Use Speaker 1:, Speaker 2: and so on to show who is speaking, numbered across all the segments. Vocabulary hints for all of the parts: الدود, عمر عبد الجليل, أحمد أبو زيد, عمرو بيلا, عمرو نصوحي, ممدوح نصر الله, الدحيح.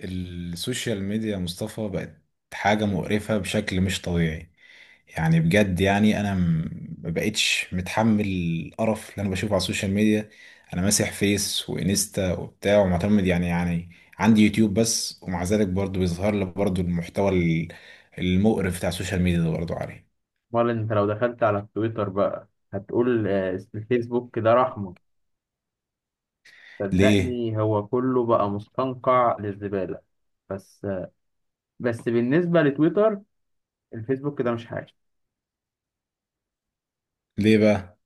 Speaker 1: السوشيال ميديا يا مصطفى بقت حاجة مقرفة بشكل مش طبيعي. يعني بجد ما بقتش متحمل القرف اللي انا بشوفه على السوشيال ميديا. انا ماسح فيس وانستا وبتاع ومعتمد يعني عندي يوتيوب بس، ومع ذلك برضو بيظهر لي برضو المحتوى المقرف بتاع السوشيال ميديا ده برضو عليه.
Speaker 2: امال انت لو دخلت على التويتر بقى هتقول آه، الفيسبوك ده رحمة.
Speaker 1: ليه
Speaker 2: صدقني هو كله بقى مستنقع للزبالة. بس آه، بس بالنسبة لتويتر الفيسبوك ده مش حاجة.
Speaker 1: ليه بقى؟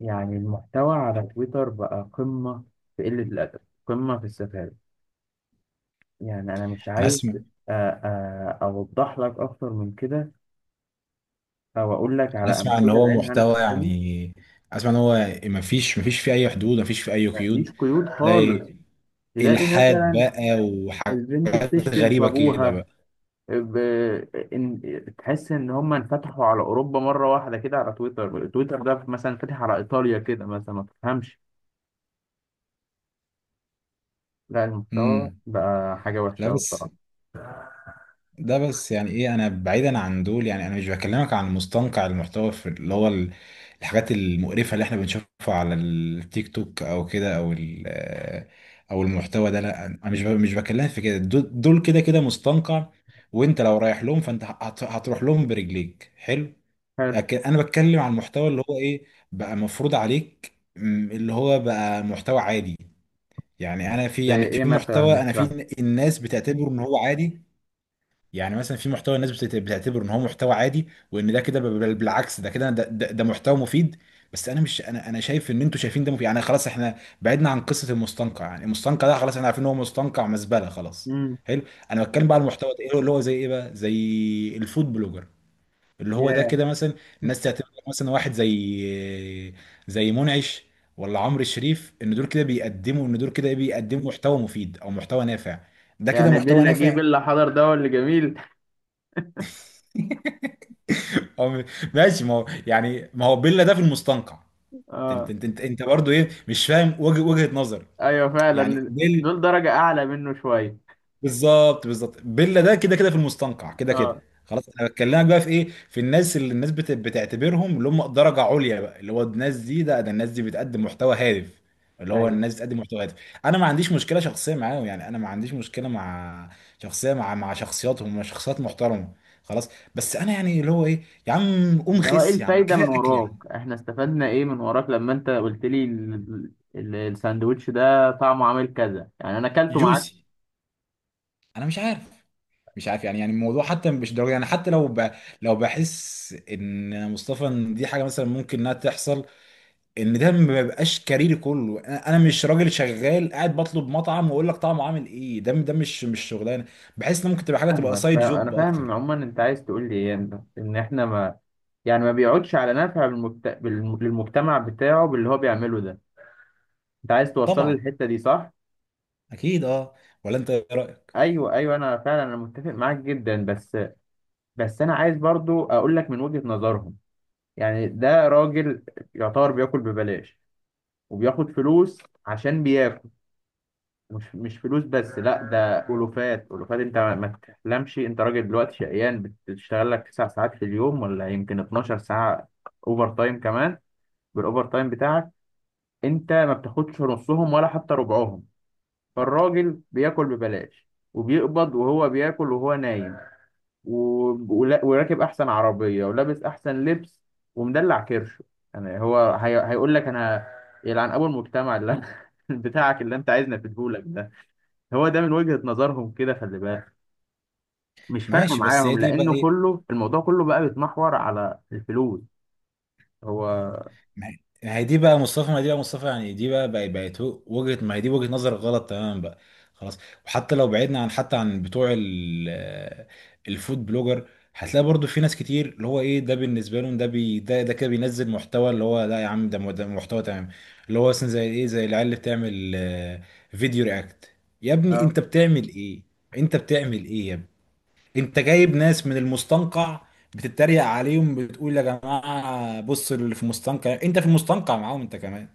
Speaker 2: يعني المحتوى على تويتر بقى قمة في قلة الأدب، قمة في السفالة. يعني أنا مش
Speaker 1: انا
Speaker 2: عايز.
Speaker 1: اسمع
Speaker 2: آه، أوضح لك أكتر من كده، أو أقول لك
Speaker 1: انا
Speaker 2: على
Speaker 1: اسمع ان
Speaker 2: أمثلة
Speaker 1: هو
Speaker 2: بعينها أنا
Speaker 1: محتوى،
Speaker 2: شفتها.
Speaker 1: يعني اسمع ان هو ما فيش فيه اي حدود، ما فيش فيه اي
Speaker 2: مفيش
Speaker 1: قيود.
Speaker 2: قيود خالص.
Speaker 1: تلاقي
Speaker 2: تلاقي
Speaker 1: الحاد
Speaker 2: مثلا
Speaker 1: بقى
Speaker 2: البنت
Speaker 1: وحاجات
Speaker 2: بتشتم في
Speaker 1: غريبه كده
Speaker 2: أبوها.
Speaker 1: بقى.
Speaker 2: ب- تحس ان هم انفتحوا على اوروبا مره واحده كده. على تويتر، ده مثلا فاتح على ايطاليا كده مثلا ما تفهمش. لا المحتوى
Speaker 1: امم
Speaker 2: بقى حاجه وحشه
Speaker 1: لا
Speaker 2: قوي
Speaker 1: بس
Speaker 2: بصراحه.
Speaker 1: ده بس يعني ايه، انا بعيدا عن دول. يعني انا مش بكلمك عن مستنقع المحتوى في اللي هو الحاجات المقرفه اللي احنا بنشوفها على التيك توك او كده، او المحتوى ده. لا انا مش بكلمك في كده، دول كده كده مستنقع، وانت لو رايح لهم فانت هتروح لهم برجليك. حلو.
Speaker 2: حلو.
Speaker 1: لكن انا بتكلم عن المحتوى اللي هو ايه، بقى مفروض عليك اللي هو بقى محتوى عادي. يعني انا في،
Speaker 2: زي
Speaker 1: يعني
Speaker 2: ايه
Speaker 1: في
Speaker 2: مثلا؟
Speaker 1: محتوى،
Speaker 2: مش
Speaker 1: انا
Speaker 2: فاهم.
Speaker 1: في الناس بتعتبره ان هو عادي. يعني مثلا في محتوى الناس بتعتبره ان هو محتوى عادي، وان ده كده بالعكس ده كده، ده محتوى مفيد. بس انا مش انا انا شايف ان انتوا شايفين ده مفيد. يعني خلاص احنا بعدنا عن قصه المستنقع، يعني المستنقع ده خلاص احنا عارفين ان هو مستنقع مزبله، خلاص.
Speaker 2: امم.
Speaker 1: حلو. انا بتكلم بقى على المحتوى ده، ايه اللي هو، زي ايه بقى؟ زي الفود بلوجر اللي هو ده
Speaker 2: ياه.
Speaker 1: كده مثلا. الناس تعتبر مثلا واحد زي منعش ولا عمرو الشريف، ان دول كده بيقدموا، ان دول كده بيقدموا محتوى مفيد او محتوى نافع، ده كده
Speaker 2: يعني
Speaker 1: محتوى
Speaker 2: بيلا جه
Speaker 1: نافع.
Speaker 2: بيلا حضر ده هو اللي جميل.
Speaker 1: او م- ماشي، ما هو يعني ما هو بيلا ده في المستنقع.
Speaker 2: اه.
Speaker 1: انت برضه ايه، مش فاهم وجهة نظر
Speaker 2: ايوه
Speaker 1: يعني.
Speaker 2: فعلا دول درجه اعلى منه شويه.
Speaker 1: بالظبط، بالظبط، بيلا ده كده كده في المستنقع كده كده.
Speaker 2: اه.
Speaker 1: خلاص انا بكلمك بقى في ايه، في الناس اللي الناس بتعتبرهم اللي هم درجه عليا بقى، اللي هو الناس دي، ده ده الناس دي بتقدم محتوى هادف، اللي هو
Speaker 2: ايوه.
Speaker 1: الناس بتقدم محتوى هادف. انا ما عنديش مشكله شخصيه معاهم. يعني انا ما عنديش مشكله مع شخصيه، مع شخصياتهم، مع شخصيات محترمه، خلاص. بس انا يعني اللي هو ايه، يا عم قوم
Speaker 2: ده هو ايه
Speaker 1: خس، يا عم
Speaker 2: الفايدة
Speaker 1: كفايه
Speaker 2: من
Speaker 1: اكل، يا عم
Speaker 2: وراك؟ احنا استفدنا ايه من وراك لما انت قلت لي الساندوتش ده طعمه عامل كذا؟ يعني انا اكلته معاك.
Speaker 1: جوسي. انا مش عارف، مش عارف يعني. يعني الموضوع حتى مش ضروري، يعني حتى لو بحس ان مصطفى، ان دي حاجه مثلا ممكن انها تحصل، ان ده ما بيبقاش كاريري كله. أنا مش راجل شغال قاعد بطلب مطعم واقول لك طعمه عامل ايه، ده ده مش شغلانه. بحس ان ممكن تبقى حاجه، تبقى
Speaker 2: فاهمك.
Speaker 1: سايد
Speaker 2: انا
Speaker 1: جوب
Speaker 2: فاهم
Speaker 1: اكتر.
Speaker 2: عموما انت عايز تقول لي ايه. انت ان احنا ما يعني ما بيقعدش على نفع للمجتمع بتاعه باللي هو بيعمله ده. انت عايز توصل لي
Speaker 1: طبعا،
Speaker 2: الحتة دي، صح؟
Speaker 1: اكيد اه. ولا انت ايه رايك؟
Speaker 2: ايوه ايوه، انا فعلا انا متفق معاك جدا. بس انا عايز برضو اقول لك من وجهة نظرهم. يعني ده راجل يعتبر بياكل ببلاش وبياخد فلوس عشان بياكل. مش فلوس بس، لا ده ألوفات ألوفات. أنت ما تحلمش. أنت راجل دلوقتي شقيان بتشتغل لك 9 ساعات في اليوم، ولا يمكن 12 ساعة أوفر تايم كمان. بالأوفر تايم بتاعك أنت ما بتاخدش نصهم ولا حتى ربعهم. فالراجل بياكل ببلاش وبيقبض، وهو بياكل وهو نايم. و... وراكب أحسن عربية ولابس أحسن لبس ومدلع كرشه. يعني هيقول لك أنا يلعن أبو المجتمع اللي بتاعك اللي أنت عايزنا في. هو ده من وجهة نظرهم كده، خلي بالك. مش فارقة
Speaker 1: ماشي، بس هي
Speaker 2: معاهم،
Speaker 1: دي بقى
Speaker 2: لأنه
Speaker 1: ايه.
Speaker 2: كله الموضوع كله بقى بيتمحور على الفلوس. هو
Speaker 1: ما ما هي دي بقى مصطفى، ما هي دي بقى مصطفى يعني دي بقى بقى- بقت هو- وجهة، ما هي دي وجهة نظر غلط تماما بقى، خلاص. وحتى لو بعدنا عن حتى عن بتوع الفود بلوجر، هتلاقي برضو في ناس كتير اللي هو ايه، ده بالنسبه لهم ده بي ده ده كده بينزل محتوى اللي هو لا يا عم، ده ده محتوى تمام. اللي هو مثلا زي ايه، زي العيال اللي بتعمل فيديو رياكت. يا ابني
Speaker 2: اه.
Speaker 1: انت بتعمل ايه؟ انت بتعمل ايه يا ابني؟ انت جايب ناس من المستنقع بتتريق عليهم، بتقول يا جماعه بصوا اللي في المستنقع، انت في المستنقع معاهم انت كمان،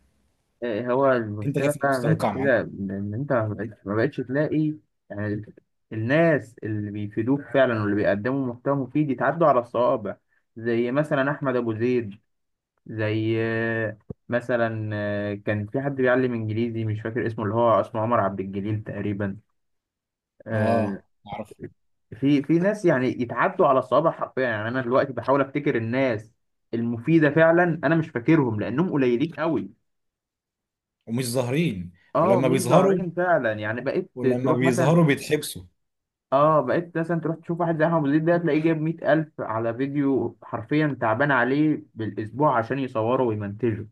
Speaker 2: إيه هو
Speaker 1: انت كان
Speaker 2: المشكلة
Speaker 1: في
Speaker 2: فعلا بقت
Speaker 1: المستنقع معاهم.
Speaker 2: كده، إن أنت ما بقتش تلاقي يعني الناس اللي بيفيدوك فعلا واللي بيقدموا محتوى مفيد يتعدوا على الصوابع. زي مثلا أحمد أبو زيد، زي مثلا كان في حد بيعلم إنجليزي مش فاكر اسمه، اللي هو اسمه عمر عبد الجليل تقريبا. آه،
Speaker 1: اه اعرف.
Speaker 2: في في ناس يعني يتعدوا على الصوابع حرفيا. يعني انا دلوقتي بحاول افتكر الناس المفيده فعلا انا مش فاكرهم لانهم قليلين قوي.
Speaker 1: ومش ظاهرين.
Speaker 2: اه
Speaker 1: ولما
Speaker 2: مش
Speaker 1: بيظهروا،
Speaker 2: ظاهرين فعلا. يعني بقيت
Speaker 1: ولما
Speaker 2: تروح مثلا،
Speaker 1: بيظهروا بيتحبسوا.
Speaker 2: اه بقيت مثلا تروح تشوف واحد زي احمد زيد ده تلاقيه جايب 100,000 على فيديو حرفيا تعبان عليه بالاسبوع عشان يصوره ويمنتجه.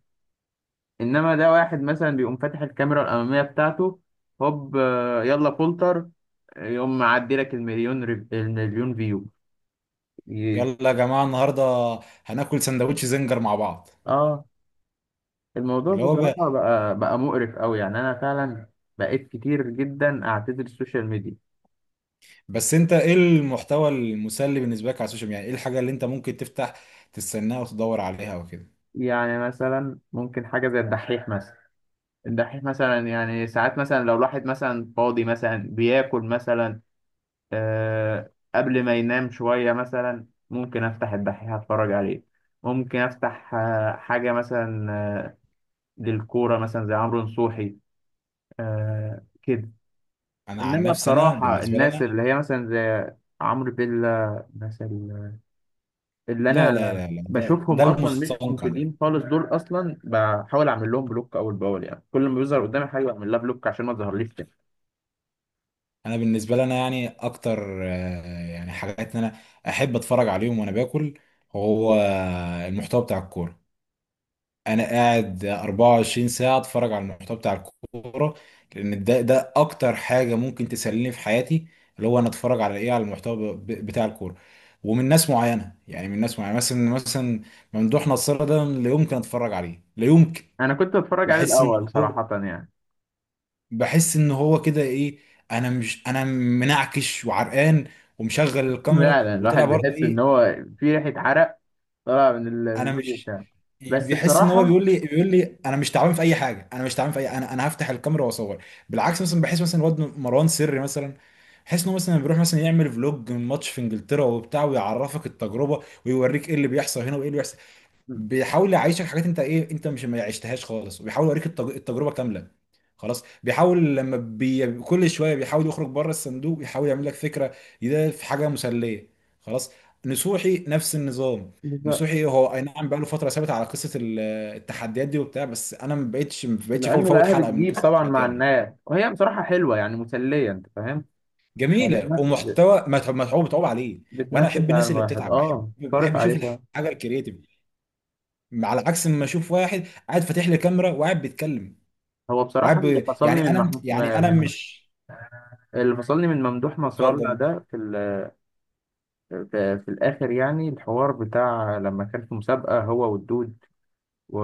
Speaker 2: انما ده واحد مثلا بيقوم فاتح الكاميرا الاماميه بتاعته، هوب يلا فولتر، يقوم معدي لك المليون المليون فيو. ي-
Speaker 1: يلا يا جماعه النهارده هناكل سندوتش زنجر مع بعض.
Speaker 2: اه. الموضوع
Speaker 1: اللي هو ب...
Speaker 2: بصراحة بقى مقرف أوي. يعني أنا فعلا بقيت كتير جدا أعتذر السوشيال ميديا.
Speaker 1: بس انت ايه المحتوى المسلي بالنسبه لك على السوشيال ميديا؟ يعني ايه الحاجه اللي انت ممكن تفتح تستناها وتدور عليها وكده؟
Speaker 2: يعني مثلا ممكن حاجة زي الدحيح مثلا. الدحيح مثلا يعني ساعات مثلا لو الواحد مثلا فاضي مثلا بياكل مثلا آه قبل ما ينام شوية مثلا ممكن أفتح الدحيح أتفرج عليه. ممكن أفتح آه حاجة مثلا آه للكورة مثلا زي عمرو نصوحي آه كده.
Speaker 1: انا عن
Speaker 2: إنما
Speaker 1: نفسي، انا
Speaker 2: بصراحة
Speaker 1: بالنسبه لي
Speaker 2: الناس
Speaker 1: انا
Speaker 2: اللي هي مثلا زي عمرو بيلا مثلا، اللي انا
Speaker 1: لا ده
Speaker 2: بشوفهم اصلا مش
Speaker 1: المستنقع ده.
Speaker 2: مفيدين خالص. دول اصلا بحاول اعمل لهم بلوك اول باول، يعني كل ما بيظهر قدامي حاجه بعمل لها بلوك عشان ما تظهرليش تاني.
Speaker 1: انا بالنسبه لي انا يعني اكتر يعني حاجات ان انا احب اتفرج عليهم وانا باكل، هو المحتوى بتاع الكوره. انا قاعد 24 ساعه اتفرج على المحتوى بتاع الكوره، لان ده اكتر حاجه ممكن تسليني في حياتي. اللي هو انا اتفرج على ايه، على المحتوى بتاع الكوره، ومن ناس معينه. يعني من ناس معينه مثلا، ممدوح نصر ده لا يمكن اتفرج عليه، لا يمكن.
Speaker 2: انا كنت بتفرج عليه
Speaker 1: بحس ان
Speaker 2: الاول
Speaker 1: هو،
Speaker 2: صراحه يعني.
Speaker 1: كده ايه، انا مش، انا منعكش وعرقان ومشغل الكاميرا
Speaker 2: فعلا الواحد
Speaker 1: وطلع برضه
Speaker 2: بيحس ان
Speaker 1: ايه.
Speaker 2: هو في ريحه عرق طالعه من من
Speaker 1: انا
Speaker 2: الفيديو
Speaker 1: مش
Speaker 2: بتاعه. بس
Speaker 1: بيحس ان هو
Speaker 2: بصراحه.
Speaker 1: بيقول لي انا مش تعبان في اي حاجه، انا مش تعبان في اي انا هفتح الكاميرا واصور. بالعكس مثلا بحس مثلا الواد مروان سري مثلا، بحس انه مثلا بيروح مثلا يعمل فلوج من ماتش في انجلترا وبتاع، ويعرفك التجربه، ويوريك ايه اللي بيحصل هنا وايه اللي بيحصل. بيحاول يعيشك حاجات انت ايه، انت مش ما عشتهاش خالص، وبيحاول يوريك التجربه كامله. خلاص، بيحاول كل شويه بيحاول يخرج بره الصندوق، يحاول يعمل لك فكره، ده في حاجه مسليه، خلاص. نصوحي نفس النظام.
Speaker 2: بز-
Speaker 1: نصوحي هو اي نعم بقى له فتره ثابت على قصه التحديات دي وبتاع، بس انا ما بقتش
Speaker 2: لانه
Speaker 1: فوت
Speaker 2: لقاها
Speaker 1: حلقه من
Speaker 2: بتجيب
Speaker 1: قصه
Speaker 2: طبعا مع
Speaker 1: التحديات دي.
Speaker 2: الناس وهي بصراحه حلوه يعني مسليه، انت فاهم؟ يعني
Speaker 1: جميله
Speaker 2: بتنفس،
Speaker 1: ومحتوى متعوب متعوب عليه، وانا
Speaker 2: بتنفس
Speaker 1: احب
Speaker 2: على
Speaker 1: الناس اللي
Speaker 2: الواحد
Speaker 1: بتتعب.
Speaker 2: اه صارف
Speaker 1: بحب اشوف
Speaker 2: عليه شويه.
Speaker 1: الحاجه الكرييتيف، على عكس ما اشوف واحد قاعد فاتح لي كاميرا وقاعد بيتكلم
Speaker 2: هو بصراحه اللي
Speaker 1: يعني
Speaker 2: فصلني من
Speaker 1: انا،
Speaker 2: محمود من
Speaker 1: مش
Speaker 2: اللي فصلني من ممدوح نصر الله
Speaker 1: مفضل.
Speaker 2: ده في الآخر يعني الحوار بتاع لما كان في مسابقة هو والدود و...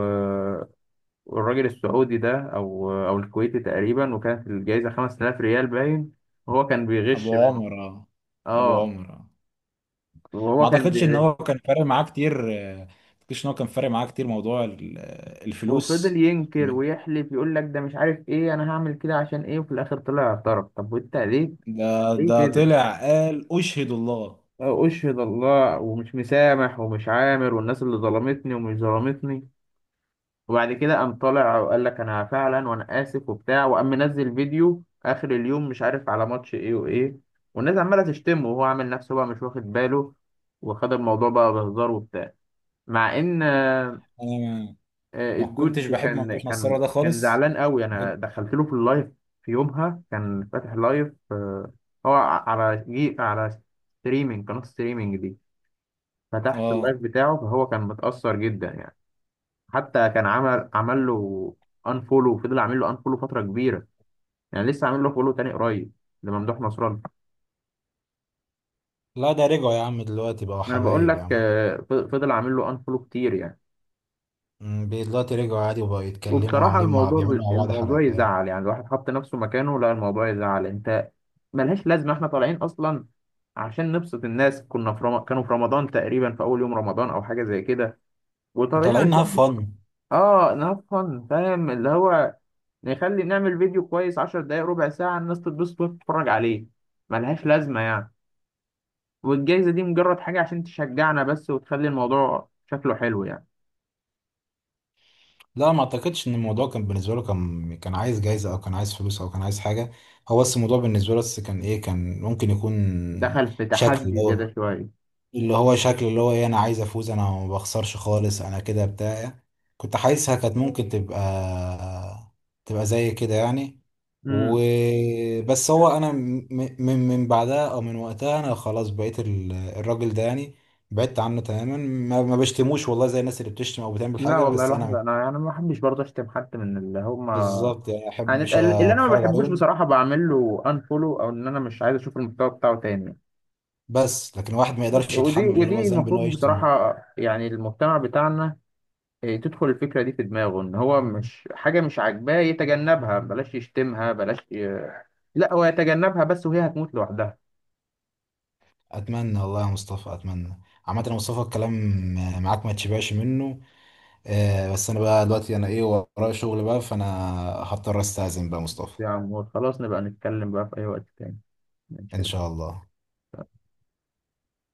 Speaker 2: والراجل السعودي ده أو أو الكويتي تقريبا، وكانت الجايزة 5,000 ريال باين، وهو كان
Speaker 1: ابو
Speaker 2: بيغش منه.
Speaker 1: عمر اه، ابو
Speaker 2: اه
Speaker 1: عمر اه
Speaker 2: وهو
Speaker 1: ما
Speaker 2: كان
Speaker 1: اعتقدش ان
Speaker 2: بيغش
Speaker 1: هو كان فارق معاه كتير. آه، ما اعتقدش ان هو كان فارق معاه كتير موضوع الفلوس.
Speaker 2: وفضل ينكر ويحلف يقول لك ده مش عارف ايه، انا هعمل كده عشان ايه؟ وفي الاخر طلع اعترف. طب وانت ليه؟
Speaker 1: ده
Speaker 2: ليه كده؟
Speaker 1: طلع قال اشهد الله.
Speaker 2: اه اشهد الله ومش مسامح ومش عامر والناس اللي ظلمتني ومش ظلمتني. وبعد كده قام طالع وقال لك انا فعلا وانا اسف وبتاع، وقام منزل فيديو اخر اليوم مش عارف على ماتش ايه وايه. والناس عماله تشتمه وهو عامل نفسه بقى مش واخد باله وخد الموضوع بقى بهزار وبتاع. مع ان
Speaker 1: انا ما ما كنتش
Speaker 2: الدود
Speaker 1: بحب
Speaker 2: كان
Speaker 1: ممدوح
Speaker 2: كان
Speaker 1: نصارى ده
Speaker 2: كان
Speaker 1: خالص.
Speaker 2: زعلان قوي. انا
Speaker 1: كنت-
Speaker 2: دخلت له في اللايف. في يومها كان فاتح لايف هو على جي على ستريمينج، قناه ستريمينج دي. فتحت اللايف
Speaker 1: اه
Speaker 2: بتاعه فهو كان متأثر جدا يعني. حتى كان عمل له انفولو، وفضل عامل له انفولو فتره كبيره. يعني لسه عامل له فولو تاني قريب لممدوح نصران.
Speaker 1: لا ده رجعوا يا عم دلوقتي، بقوا
Speaker 2: انا بقول
Speaker 1: حبايب يا
Speaker 2: لك
Speaker 1: عم.
Speaker 2: فضل عامل له انفولو كتير يعني.
Speaker 1: أمم، دلوقتي رجعوا عادي وبقوا يتكلموا
Speaker 2: وبصراحه
Speaker 1: وعاملين مع، بيعملوا مع بعض
Speaker 2: الموضوع
Speaker 1: حلقات،
Speaker 2: يزعل يعني، الواحد حط نفسه مكانه. لا الموضوع يزعل انت. ملهاش لازمه، احنا طالعين اصلا عشان نبسط الناس. كانوا في رمضان تقريبا في اول يوم رمضان او حاجه زي كده وطالعين
Speaker 1: وطالعين انها
Speaker 2: عشان
Speaker 1: فن.
Speaker 2: اه نفهم، فاهم اللي هو نخلي نعمل فيديو كويس 10 دقايق ربع ساعة الناس تتبسط وتتفرج عليه. ملهاش لازمة يعني. والجايزة دي مجرد حاجة عشان تشجعنا بس وتخلي الموضوع شكله حلو يعني.
Speaker 1: لا ما اعتقدش ان الموضوع كان بالنسبه له، كان كان عايز جايزه او كان عايز فلوس او كان عايز حاجه. هو بس الموضوع بالنسبه له بس كان ايه، كان ممكن يكون
Speaker 2: دخل في
Speaker 1: شكل اللي
Speaker 2: تحدي
Speaker 1: هو،
Speaker 2: زيادة شوية.
Speaker 1: اللي هو شكل اللي هو ايه، انا عايز افوز، انا ما بخسرش خالص، انا كده بتاع. كنت حاسسها كانت ممكن تبقى، تبقى زي كده يعني.
Speaker 2: امم.
Speaker 1: وبس هو من بعدها، او من وقتها انا خلاص بقيت الراجل ده يعني بعدت عنه تماما. ما بشتموش والله زي الناس اللي بتشتم او بتعمل
Speaker 2: لا
Speaker 1: حاجه،
Speaker 2: والله
Speaker 1: بس
Speaker 2: الواحد
Speaker 1: انا
Speaker 2: انا ما بحبش برضه اشتم حد من اللي هم.
Speaker 1: بالظبط يعني احبش
Speaker 2: يعني اللي انا ما
Speaker 1: اتفرج
Speaker 2: بحبوش
Speaker 1: عليهم.
Speaker 2: بصراحة بعمل له انفولو او ان انا مش عايز اشوف المحتوى بتاعه تاني.
Speaker 1: بس لكن واحد ما يقدرش
Speaker 2: ودي
Speaker 1: يتحمل ان
Speaker 2: ودي
Speaker 1: هو ذنب ان هو
Speaker 2: المفروض
Speaker 1: يشتم.
Speaker 2: بصراحة يعني المجتمع بتاعنا إيه، تدخل الفكرة دي في دماغه ان هو مش حاجة مش عاجباه يتجنبها، بلاش يشتمها، لا هو يتجنبها بس وهي هتموت لوحدها.
Speaker 1: اتمنى والله يا مصطفى، اتمنى. عامة يا مصطفى، الكلام معاك ما تشبعش منه. آه بس انا بقى دلوقتي انا ايه، ورايا شغل بقى، فانا هضطر استأذن بقى يا مصطفى.
Speaker 2: يا عمور خلاص نبقى نتكلم بقى في اي وقت تاني.
Speaker 1: ان
Speaker 2: ماشي.
Speaker 1: شاء الله.